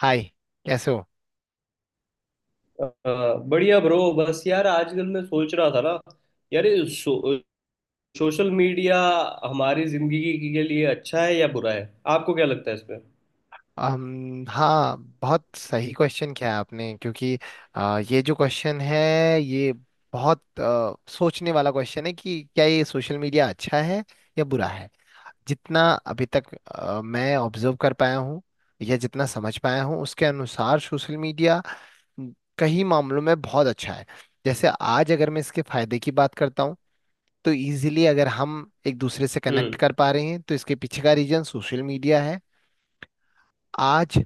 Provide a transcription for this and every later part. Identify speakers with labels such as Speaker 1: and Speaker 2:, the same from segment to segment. Speaker 1: हाय। कैसे हो?
Speaker 2: अ, बढ़िया ब्रो। बस यार आजकल मैं सोच रहा था ना। यार ये सोशल मीडिया हमारी जिंदगी के लिए अच्छा है या बुरा है? आपको क्या लगता है इसमें?
Speaker 1: हाँ, बहुत सही क्वेश्चन किया है आपने, क्योंकि ये जो क्वेश्चन है, ये बहुत सोचने वाला क्वेश्चन है कि क्या ये सोशल मीडिया अच्छा है या बुरा है। जितना अभी तक मैं ऑब्जर्व कर पाया हूँ या जितना समझ पाया हूँ, उसके अनुसार सोशल मीडिया कई मामलों में बहुत अच्छा है। जैसे आज अगर मैं इसके फायदे की बात करता हूँ, तो इजीली अगर हम एक दूसरे से कनेक्ट
Speaker 2: हम्म।
Speaker 1: कर पा रहे हैं तो इसके पीछे का रीजन सोशल मीडिया है। आज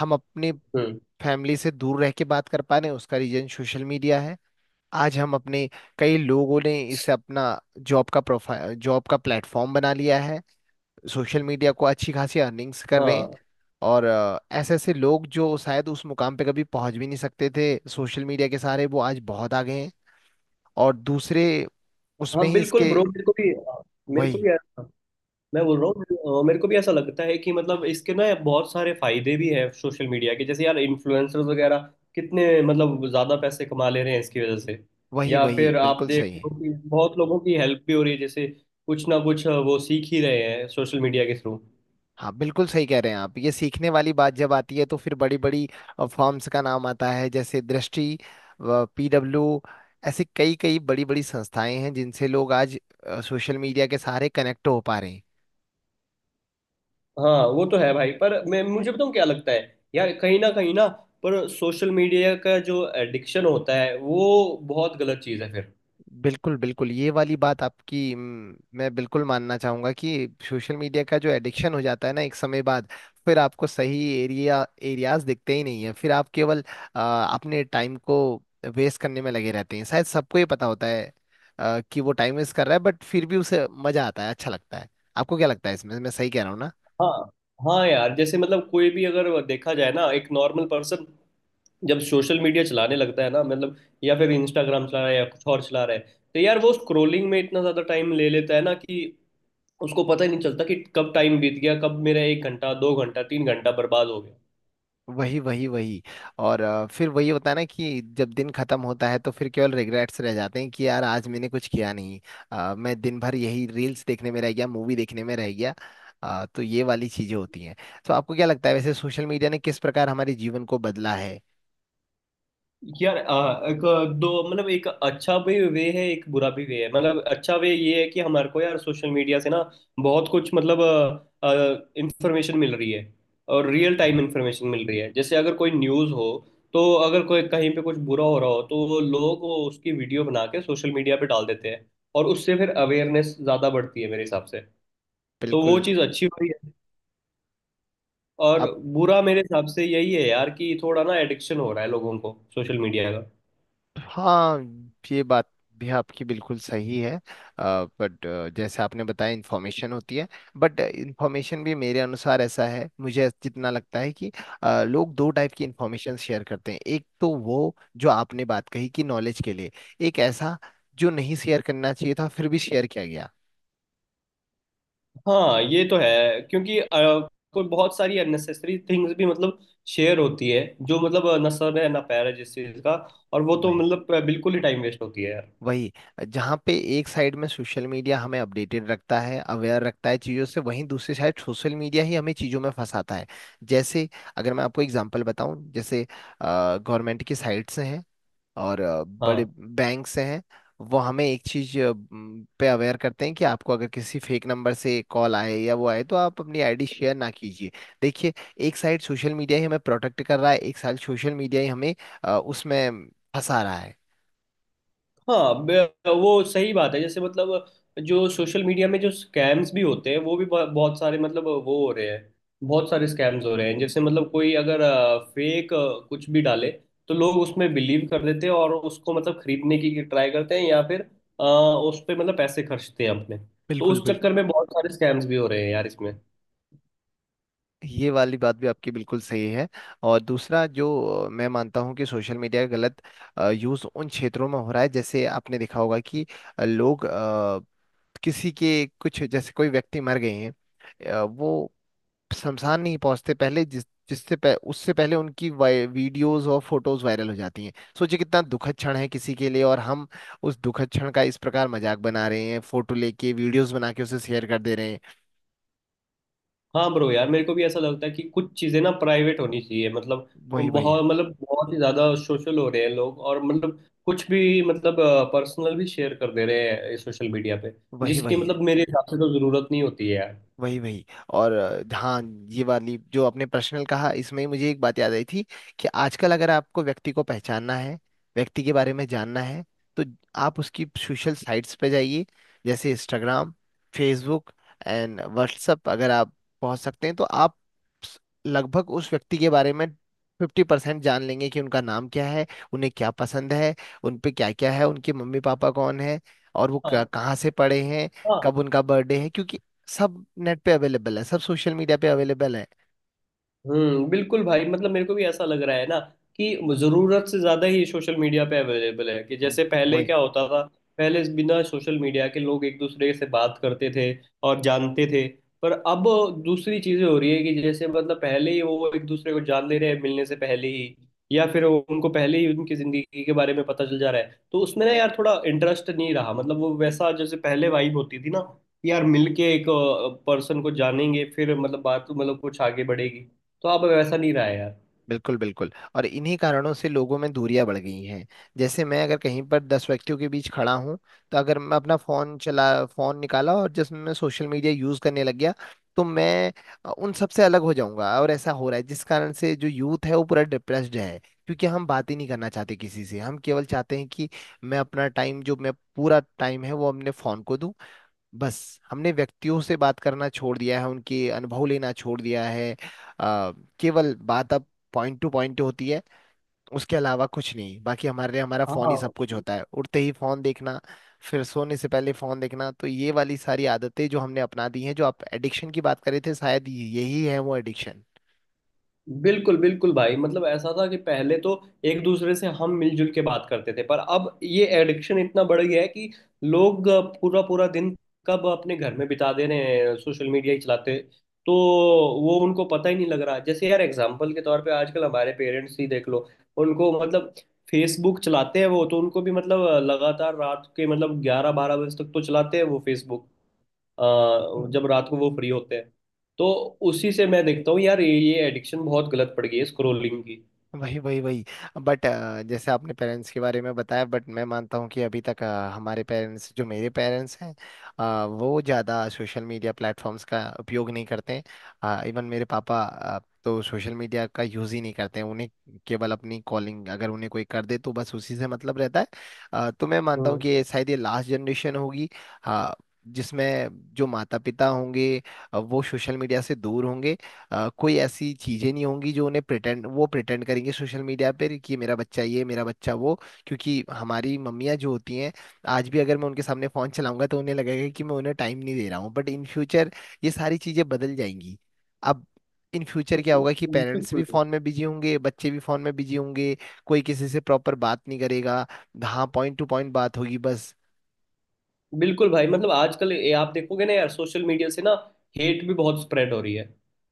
Speaker 1: हम अपने
Speaker 2: हम्म।
Speaker 1: फैमिली से दूर रह के बात कर पा रहे हैं, उसका रीजन सोशल मीडिया है। आज हम अपने कई लोगों ने इसे अपना जॉब का प्रोफाइल जॉब का प्लेटफॉर्म बना लिया है, सोशल मीडिया को अच्छी खासी अर्निंग्स कर रहे हैं।
Speaker 2: हाँ।
Speaker 1: और ऐसे ऐसे लोग जो शायद उस मुकाम पे कभी पहुंच भी नहीं सकते थे, सोशल मीडिया के सहारे वो आज बहुत आगे हैं। और दूसरे उसमें
Speaker 2: हाँ
Speaker 1: ही
Speaker 2: बिल्कुल
Speaker 1: इसके
Speaker 2: ब्रो, मेरे को भी मेरे को
Speaker 1: वही।
Speaker 2: भी यार। मैं बोल रहा हूँ मेरे को भी ऐसा लगता है कि मतलब इसके ना बहुत सारे फायदे भी हैं सोशल मीडिया के, जैसे यार इन्फ्लुएंसर्स वगैरह कितने मतलब ज्यादा पैसे कमा ले रहे हैं इसकी वजह से।
Speaker 1: वही
Speaker 2: या
Speaker 1: वही
Speaker 2: फिर आप
Speaker 1: बिल्कुल
Speaker 2: देख
Speaker 1: सही
Speaker 2: लो
Speaker 1: है।
Speaker 2: कि बहुत लोगों की हेल्प भी हो रही है, जैसे कुछ ना कुछ वो सीख ही रहे हैं सोशल मीडिया के थ्रू।
Speaker 1: हाँ, बिल्कुल सही कह रहे हैं आप। ये सीखने वाली बात जब आती है तो फिर बड़ी बड़ी फर्म्स का नाम आता है, जैसे दृष्टि, पीडब्ल्यू। ऐसी कई कई बड़ी बड़ी संस्थाएं हैं जिनसे लोग आज सोशल मीडिया के सहारे कनेक्ट हो पा रहे हैं।
Speaker 2: हाँ वो तो है भाई। पर मैं मुझे बताऊँ क्या लगता है, यार कहीं ना पर सोशल मीडिया का जो एडिक्शन होता है वो बहुत गलत चीज़ है फिर।
Speaker 1: बिल्कुल बिल्कुल। ये वाली बात आपकी मैं बिल्कुल मानना चाहूंगा कि सोशल मीडिया का जो एडिक्शन हो जाता है ना एक समय बाद, फिर आपको सही एरिया एरियाज दिखते ही नहीं है। फिर आप केवल अपने टाइम को वेस्ट करने में लगे रहते हैं। शायद सबको ये पता होता है कि वो टाइम वेस्ट कर रहा है, बट फिर भी उसे मजा आता है, अच्छा लगता है। आपको क्या लगता है इसमें, मैं सही कह रहा हूँ ना?
Speaker 2: हाँ। हाँ यार, जैसे मतलब कोई भी अगर देखा जाए ना एक नॉर्मल पर्सन जब सोशल मीडिया चलाने लगता है ना मतलब, या फिर इंस्टाग्राम चला रहा है या कुछ और चला रहा है, तो यार वो स्क्रोलिंग में इतना ज्यादा टाइम ले लेता है ना कि उसको पता ही नहीं चलता कि कब टाइम बीत गया, कब मेरा 1 घंटा 2 घंटा 3 घंटा बर्बाद हो गया।
Speaker 1: वही वही वही। और फिर वही होता है ना कि जब दिन खत्म होता है तो फिर केवल रिग्रेट्स रह जाते हैं कि यार आज मैंने कुछ किया नहीं। मैं दिन भर यही रील्स देखने में रह गया, मूवी देखने में रह गया। तो ये वाली चीजें होती हैं। तो आपको क्या लगता है वैसे सोशल मीडिया ने किस प्रकार हमारे जीवन को बदला है?
Speaker 2: यार एक दो मतलब, एक अच्छा भी वे है एक बुरा भी वे है। मतलब अच्छा वे ये है कि हमारे को यार सोशल मीडिया से ना बहुत कुछ मतलब इंफॉर्मेशन मिल रही है, और रियल टाइम इंफॉर्मेशन मिल रही है। जैसे अगर कोई न्यूज़ हो, तो अगर कोई कहीं पे कुछ बुरा हो रहा हो तो वो लोग वो उसकी वीडियो बना के सोशल मीडिया पे डाल देते हैं, और उससे फिर अवेयरनेस ज़्यादा बढ़ती है मेरे हिसाब से। तो वो
Speaker 1: बिल्कुल।
Speaker 2: चीज़ अच्छी हो रही है। और बुरा मेरे हिसाब से यही है यार, कि थोड़ा ना एडिक्शन हो रहा है लोगों को सोशल मीडिया का।
Speaker 1: हाँ, ये बात भी आपकी बिल्कुल सही है। बट जैसे आपने बताया इंफॉर्मेशन होती है, बट इंफॉर्मेशन भी मेरे अनुसार ऐसा है, मुझे जितना लगता है कि लोग दो टाइप की इंफॉर्मेशन शेयर करते हैं। एक तो वो जो आपने बात कही कि नॉलेज के लिए, एक ऐसा जो नहीं शेयर करना चाहिए था फिर भी शेयर किया
Speaker 2: हाँ ये तो है, क्योंकि कोई बहुत सारी अननेसेसरी थिंग्स भी मतलब शेयर होती है, जो मतलब ना सर है ना पैर है जिस चीज का। और वो तो
Speaker 1: गया।
Speaker 2: मतलब बिल्कुल ही टाइम वेस्ट होती है यार।
Speaker 1: वही। जहाँ पे एक साइड में सोशल मीडिया हमें अपडेटेड रखता है, अवेयर रखता है चीज़ों से, वहीं दूसरी साइड सोशल मीडिया ही हमें चीज़ों में फंसाता है। जैसे अगर मैं आपको एग्जांपल बताऊं, जैसे गवर्नमेंट की साइट्स से हैं और बड़े
Speaker 2: हाँ।
Speaker 1: बैंक से हैं, वो हमें एक चीज़ पे अवेयर करते हैं कि आपको अगर किसी फेक नंबर से कॉल आए या वो आए तो आप अपनी आईडी शेयर ना कीजिए। देखिए, एक साइड सोशल मीडिया ही हमें प्रोटेक्ट कर रहा है, एक साइड सोशल मीडिया ही हमें उसमें फंसा रहा है।
Speaker 2: हाँ वो सही बात है। जैसे मतलब जो सोशल मीडिया में जो स्कैम्स भी होते हैं वो भी बहुत सारे मतलब वो हो रहे हैं। बहुत सारे स्कैम्स हो रहे हैं, जैसे मतलब कोई अगर फेक कुछ भी डाले तो लोग उसमें बिलीव कर देते हैं और उसको मतलब खरीदने की ट्राई करते हैं, या फिर उस पे मतलब पैसे खर्चते हैं अपने। तो
Speaker 1: बिल्कुल
Speaker 2: उस
Speaker 1: बिल्कुल।
Speaker 2: चक्कर में बहुत सारे स्कैम्स भी हो रहे हैं यार इसमें।
Speaker 1: ये वाली बात भी आपकी बिल्कुल सही है। और दूसरा जो मैं मानता हूँ कि सोशल मीडिया का गलत यूज़ उन क्षेत्रों में हो रहा है, जैसे आपने देखा होगा कि लोग किसी के कुछ जैसे कोई व्यक्ति मर गए हैं, वो शमशान नहीं पहुंचते, पहले उससे पहले उनकी वीडियोस और फोटोज वायरल हो जाती हैं। सोचिए कितना दुखद क्षण है किसी के लिए, और हम उस दुखद क्षण का इस प्रकार मजाक बना रहे हैं, फोटो लेके वीडियोस बना के उसे शेयर कर दे रहे हैं।
Speaker 2: हाँ ब्रो यार मेरे को भी ऐसा लगता है कि कुछ चीज़ें ना प्राइवेट होनी चाहिए मतलब।
Speaker 1: वही वही है।
Speaker 2: बहुत मतलब बहुत ही ज़्यादा सोशल हो रहे हैं लोग, और मतलब कुछ भी मतलब पर्सनल भी शेयर कर दे रहे हैं सोशल मीडिया पे।
Speaker 1: वही
Speaker 2: जिसकी
Speaker 1: वही है।
Speaker 2: मतलब मेरे हिसाब से तो ज़रूरत नहीं होती है यार।
Speaker 1: वही वही। और हाँ, ये वाली जो आपने पर्सनल कहा इसमें ही मुझे एक बात याद आई थी कि आजकल अगर आपको व्यक्ति को पहचानना है, व्यक्ति के बारे में जानना है, तो आप उसकी सोशल साइट्स पे जाइए, जैसे इंस्टाग्राम, फेसबुक एंड व्हाट्सएप। अगर आप पहुंच सकते हैं तो आप स- लगभग उस व्यक्ति के बारे में 50% जान लेंगे कि उनका नाम क्या है, उन्हें क्या पसंद है, उन पे क्या क्या है, उनके मम्मी पापा कौन है, और वो
Speaker 2: हाँ।
Speaker 1: कहाँ से पढ़े हैं,
Speaker 2: हाँ।
Speaker 1: कब उनका बर्थडे है। क्योंकि सब नेट पे अवेलेबल है, सब सोशल मीडिया पे अवेलेबल है।
Speaker 2: बिल्कुल भाई मतलब मेरे को भी ऐसा लग रहा है ना, कि जरूरत से ज्यादा ही सोशल मीडिया पे अवेलेबल है। कि
Speaker 1: वो-
Speaker 2: जैसे पहले
Speaker 1: वही।
Speaker 2: क्या होता था, पहले बिना सोशल मीडिया के लोग एक दूसरे से बात करते थे और जानते थे। पर अब दूसरी चीजें हो रही है, कि जैसे मतलब पहले ही वो एक दूसरे को जान ले रहे हैं मिलने से पहले ही। या फिर उनको पहले ही उनकी जिंदगी के बारे में पता चल जा रहा है, तो उसमें ना यार थोड़ा इंटरेस्ट नहीं रहा। मतलब वो वैसा जैसे पहले वाइब होती थी ना यार, मिलके एक पर्सन को जानेंगे फिर मतलब बात मतलब कुछ आगे बढ़ेगी। तो अब वैसा नहीं रहा है यार।
Speaker 1: बिल्कुल बिल्कुल। और इन्हीं कारणों से लोगों में दूरियां बढ़ गई हैं। जैसे मैं अगर कहीं पर 10 व्यक्तियों के बीच खड़ा हूं, तो अगर मैं अपना फोन चला, फोन निकाला और जिसमें मैं सोशल मीडिया यूज करने लग गया, तो मैं उन सबसे अलग हो जाऊंगा। और ऐसा हो रहा है जिस कारण से जो यूथ है वो पूरा डिप्रेस्ड है, क्योंकि हम बात ही नहीं करना चाहते किसी से। हम केवल चाहते हैं कि मैं अपना टाइम, जो मैं पूरा टाइम है, वो अपने फोन को दूं। बस हमने व्यक्तियों से बात करना छोड़ दिया है, उनके अनुभव लेना छोड़ दिया है। अ, केवल बात अब पॉइंट टू पॉइंट होती है, उसके अलावा कुछ नहीं। बाकी हमारे लिए हमारा फोन ही सब
Speaker 2: हाँ।
Speaker 1: कुछ होता है, उठते ही फोन देखना, फिर सोने से पहले फोन देखना। तो ये वाली सारी आदतें जो हमने अपना दी हैं, जो आप एडिक्शन की बात कर रहे थे, शायद यही है वो एडिक्शन।
Speaker 2: बिल्कुल बिल्कुल भाई मतलब ऐसा था कि पहले तो एक दूसरे से हम मिलजुल के बात करते थे, पर अब ये एडिक्शन इतना बढ़ गया है कि लोग पूरा पूरा दिन कब अपने घर में बिता दे रहे हैं सोशल मीडिया ही चलाते। तो वो उनको पता ही नहीं लग रहा। जैसे यार एग्जाम्पल के तौर पे आजकल हमारे पेरेंट्स ही देख लो, उनको मतलब फेसबुक चलाते हैं वो तो, उनको भी मतलब लगातार रात के मतलब 11 12 बजे तक तो चलाते हैं वो फेसबुक। जब रात को वो फ्री होते हैं, तो उसी से मैं देखता हूँ यार, ये एडिक्शन बहुत गलत पड़ गई है स्क्रोलिंग की।
Speaker 1: वही वही वही। बट जैसे आपने पेरेंट्स के बारे में बताया, बट मैं मानता हूँ कि अभी तक हमारे पेरेंट्स, जो मेरे पेरेंट्स हैं, वो ज़्यादा सोशल मीडिया प्लेटफॉर्म्स का उपयोग नहीं करते हैं। इवन मेरे पापा तो सोशल मीडिया का यूज़ ही नहीं करते हैं। उन्हें केवल अपनी कॉलिंग, अगर उन्हें कोई कर दे तो बस उसी से मतलब रहता है। तो मैं मानता हूँ
Speaker 2: हम्म।
Speaker 1: कि ये शायद ये लास्ट जनरेशन होगी अ, जिसमें जो माता पिता होंगे वो सोशल मीडिया से दूर होंगे। कोई ऐसी चीजें नहीं होंगी जो उन्हें प्रिटेंड वो प्रिटेंड करेंगे सोशल मीडिया पे कि ये मेरा बच्चा, ये मेरा बच्चा, वो। क्योंकि हमारी मम्मियाँ जो होती हैं, आज भी अगर मैं उनके सामने फोन चलाऊंगा तो उन्हें लगेगा कि मैं उन्हें टाइम नहीं दे रहा हूँ। बट इन फ्यूचर ये सारी चीजें बदल जाएंगी। अब इन फ्यूचर क्या होगा कि
Speaker 2: बिल्कुल
Speaker 1: पेरेंट्स भी फोन में बिजी होंगे, बच्चे भी फोन में बिजी होंगे। कोई किसी से प्रॉपर बात नहीं करेगा। हाँ, पॉइंट टू पॉइंट बात होगी बस।
Speaker 2: बिल्कुल भाई मतलब आजकल ये आप देखोगे ना यार, सोशल मीडिया से ना हेट भी बहुत स्प्रेड हो रही है।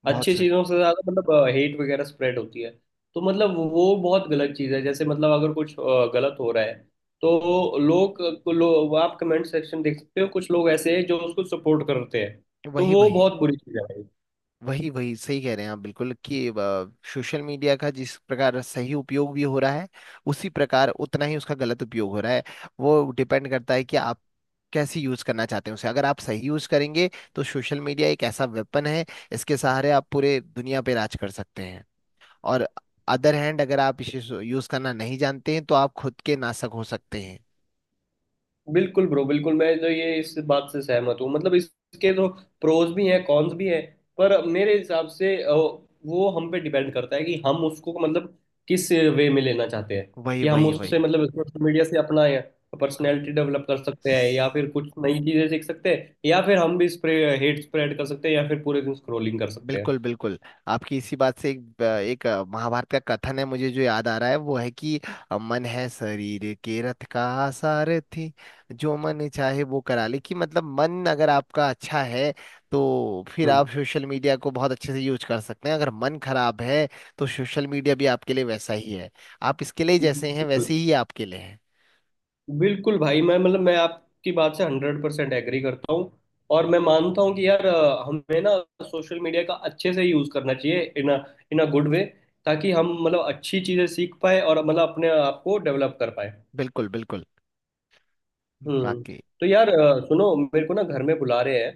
Speaker 1: बहुत
Speaker 2: अच्छी
Speaker 1: से
Speaker 2: चीजों से ज्यादा मतलब हेट वगैरह स्प्रेड होती है। तो मतलब वो बहुत गलत चीज है। जैसे मतलब अगर कुछ गलत हो रहा है तो लोग, आप कमेंट सेक्शन देख सकते हो, कुछ लोग ऐसे हैं जो उसको सपोर्ट करते हैं। तो
Speaker 1: वही।
Speaker 2: वो
Speaker 1: वही
Speaker 2: बहुत बुरी चीज है।
Speaker 1: वही वही सही कह रहे हैं आप, बिल्कुल, कि सोशल मीडिया का जिस प्रकार सही उपयोग भी हो रहा है, उसी प्रकार उतना ही उसका गलत उपयोग हो रहा है। वो डिपेंड करता है कि आप कैसे यूज करना चाहते हैं उसे। अगर आप सही यूज करेंगे तो सोशल मीडिया एक ऐसा वेपन है, इसके सहारे आप पूरे दुनिया पे राज कर सकते हैं। और अदर हैंड अगर आप इसे यूज करना नहीं जानते हैं, तो आप खुद के नासक हो सकते हैं।
Speaker 2: बिल्कुल ब्रो बिल्कुल, मैं तो ये इस बात से सहमत हूँ। मतलब इसके तो प्रोज भी हैं कॉन्स भी हैं। पर मेरे हिसाब से वो हम पे डिपेंड करता है, कि हम उसको मतलब किस वे में लेना चाहते हैं।
Speaker 1: वही
Speaker 2: कि हम
Speaker 1: वही
Speaker 2: उससे मतलब सोशल मीडिया से अपना
Speaker 1: वही।
Speaker 2: पर्सनैलिटी डेवलप कर सकते हैं, या फिर कुछ नई चीजें सीख सकते हैं, या फिर हम भी स्प्रे हेट स्प्रेड कर सकते हैं, या फिर पूरे दिन स्क्रोलिंग कर सकते हैं।
Speaker 1: बिल्कुल बिल्कुल। आपकी इसी बात से एक एक महाभारत का कथन है मुझे जो याद आ रहा है, वो है कि मन है शरीर के रथ का सारथी, जो मन चाहे वो करा ले। कि मतलब मन अगर आपका अच्छा है तो फिर
Speaker 2: हम्म,
Speaker 1: आप सोशल मीडिया को बहुत अच्छे से यूज कर सकते हैं। अगर मन खराब है, तो सोशल मीडिया भी आपके लिए वैसा ही है। आप इसके लिए जैसे हैं
Speaker 2: बिल्कुल
Speaker 1: वैसे ही आपके लिए है।
Speaker 2: बिल्कुल भाई। मैं मतलब मैं आपकी बात से 100% एग्री करता हूँ, और मैं मानता हूँ कि यार हमें ना सोशल मीडिया का अच्छे से यूज़ करना चाहिए, इन अ गुड वे, ताकि हम मतलब अच्छी चीज़ें सीख पाए और मतलब अपने आप को डेवलप कर पाए।
Speaker 1: बिल्कुल बिल्कुल।
Speaker 2: हम्म।
Speaker 1: बाकी
Speaker 2: तो यार सुनो मेरे को ना घर में बुला रहे हैं।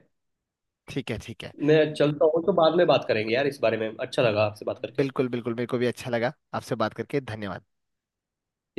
Speaker 1: ठीक है, ठीक है।
Speaker 2: मैं चलता हूँ, तो बाद में बात करेंगे यार इस बारे में। अच्छा लगा आपसे बात करके।
Speaker 1: बिल्कुल बिल्कुल, मेरे को भी अच्छा लगा आपसे बात करके। धन्यवाद।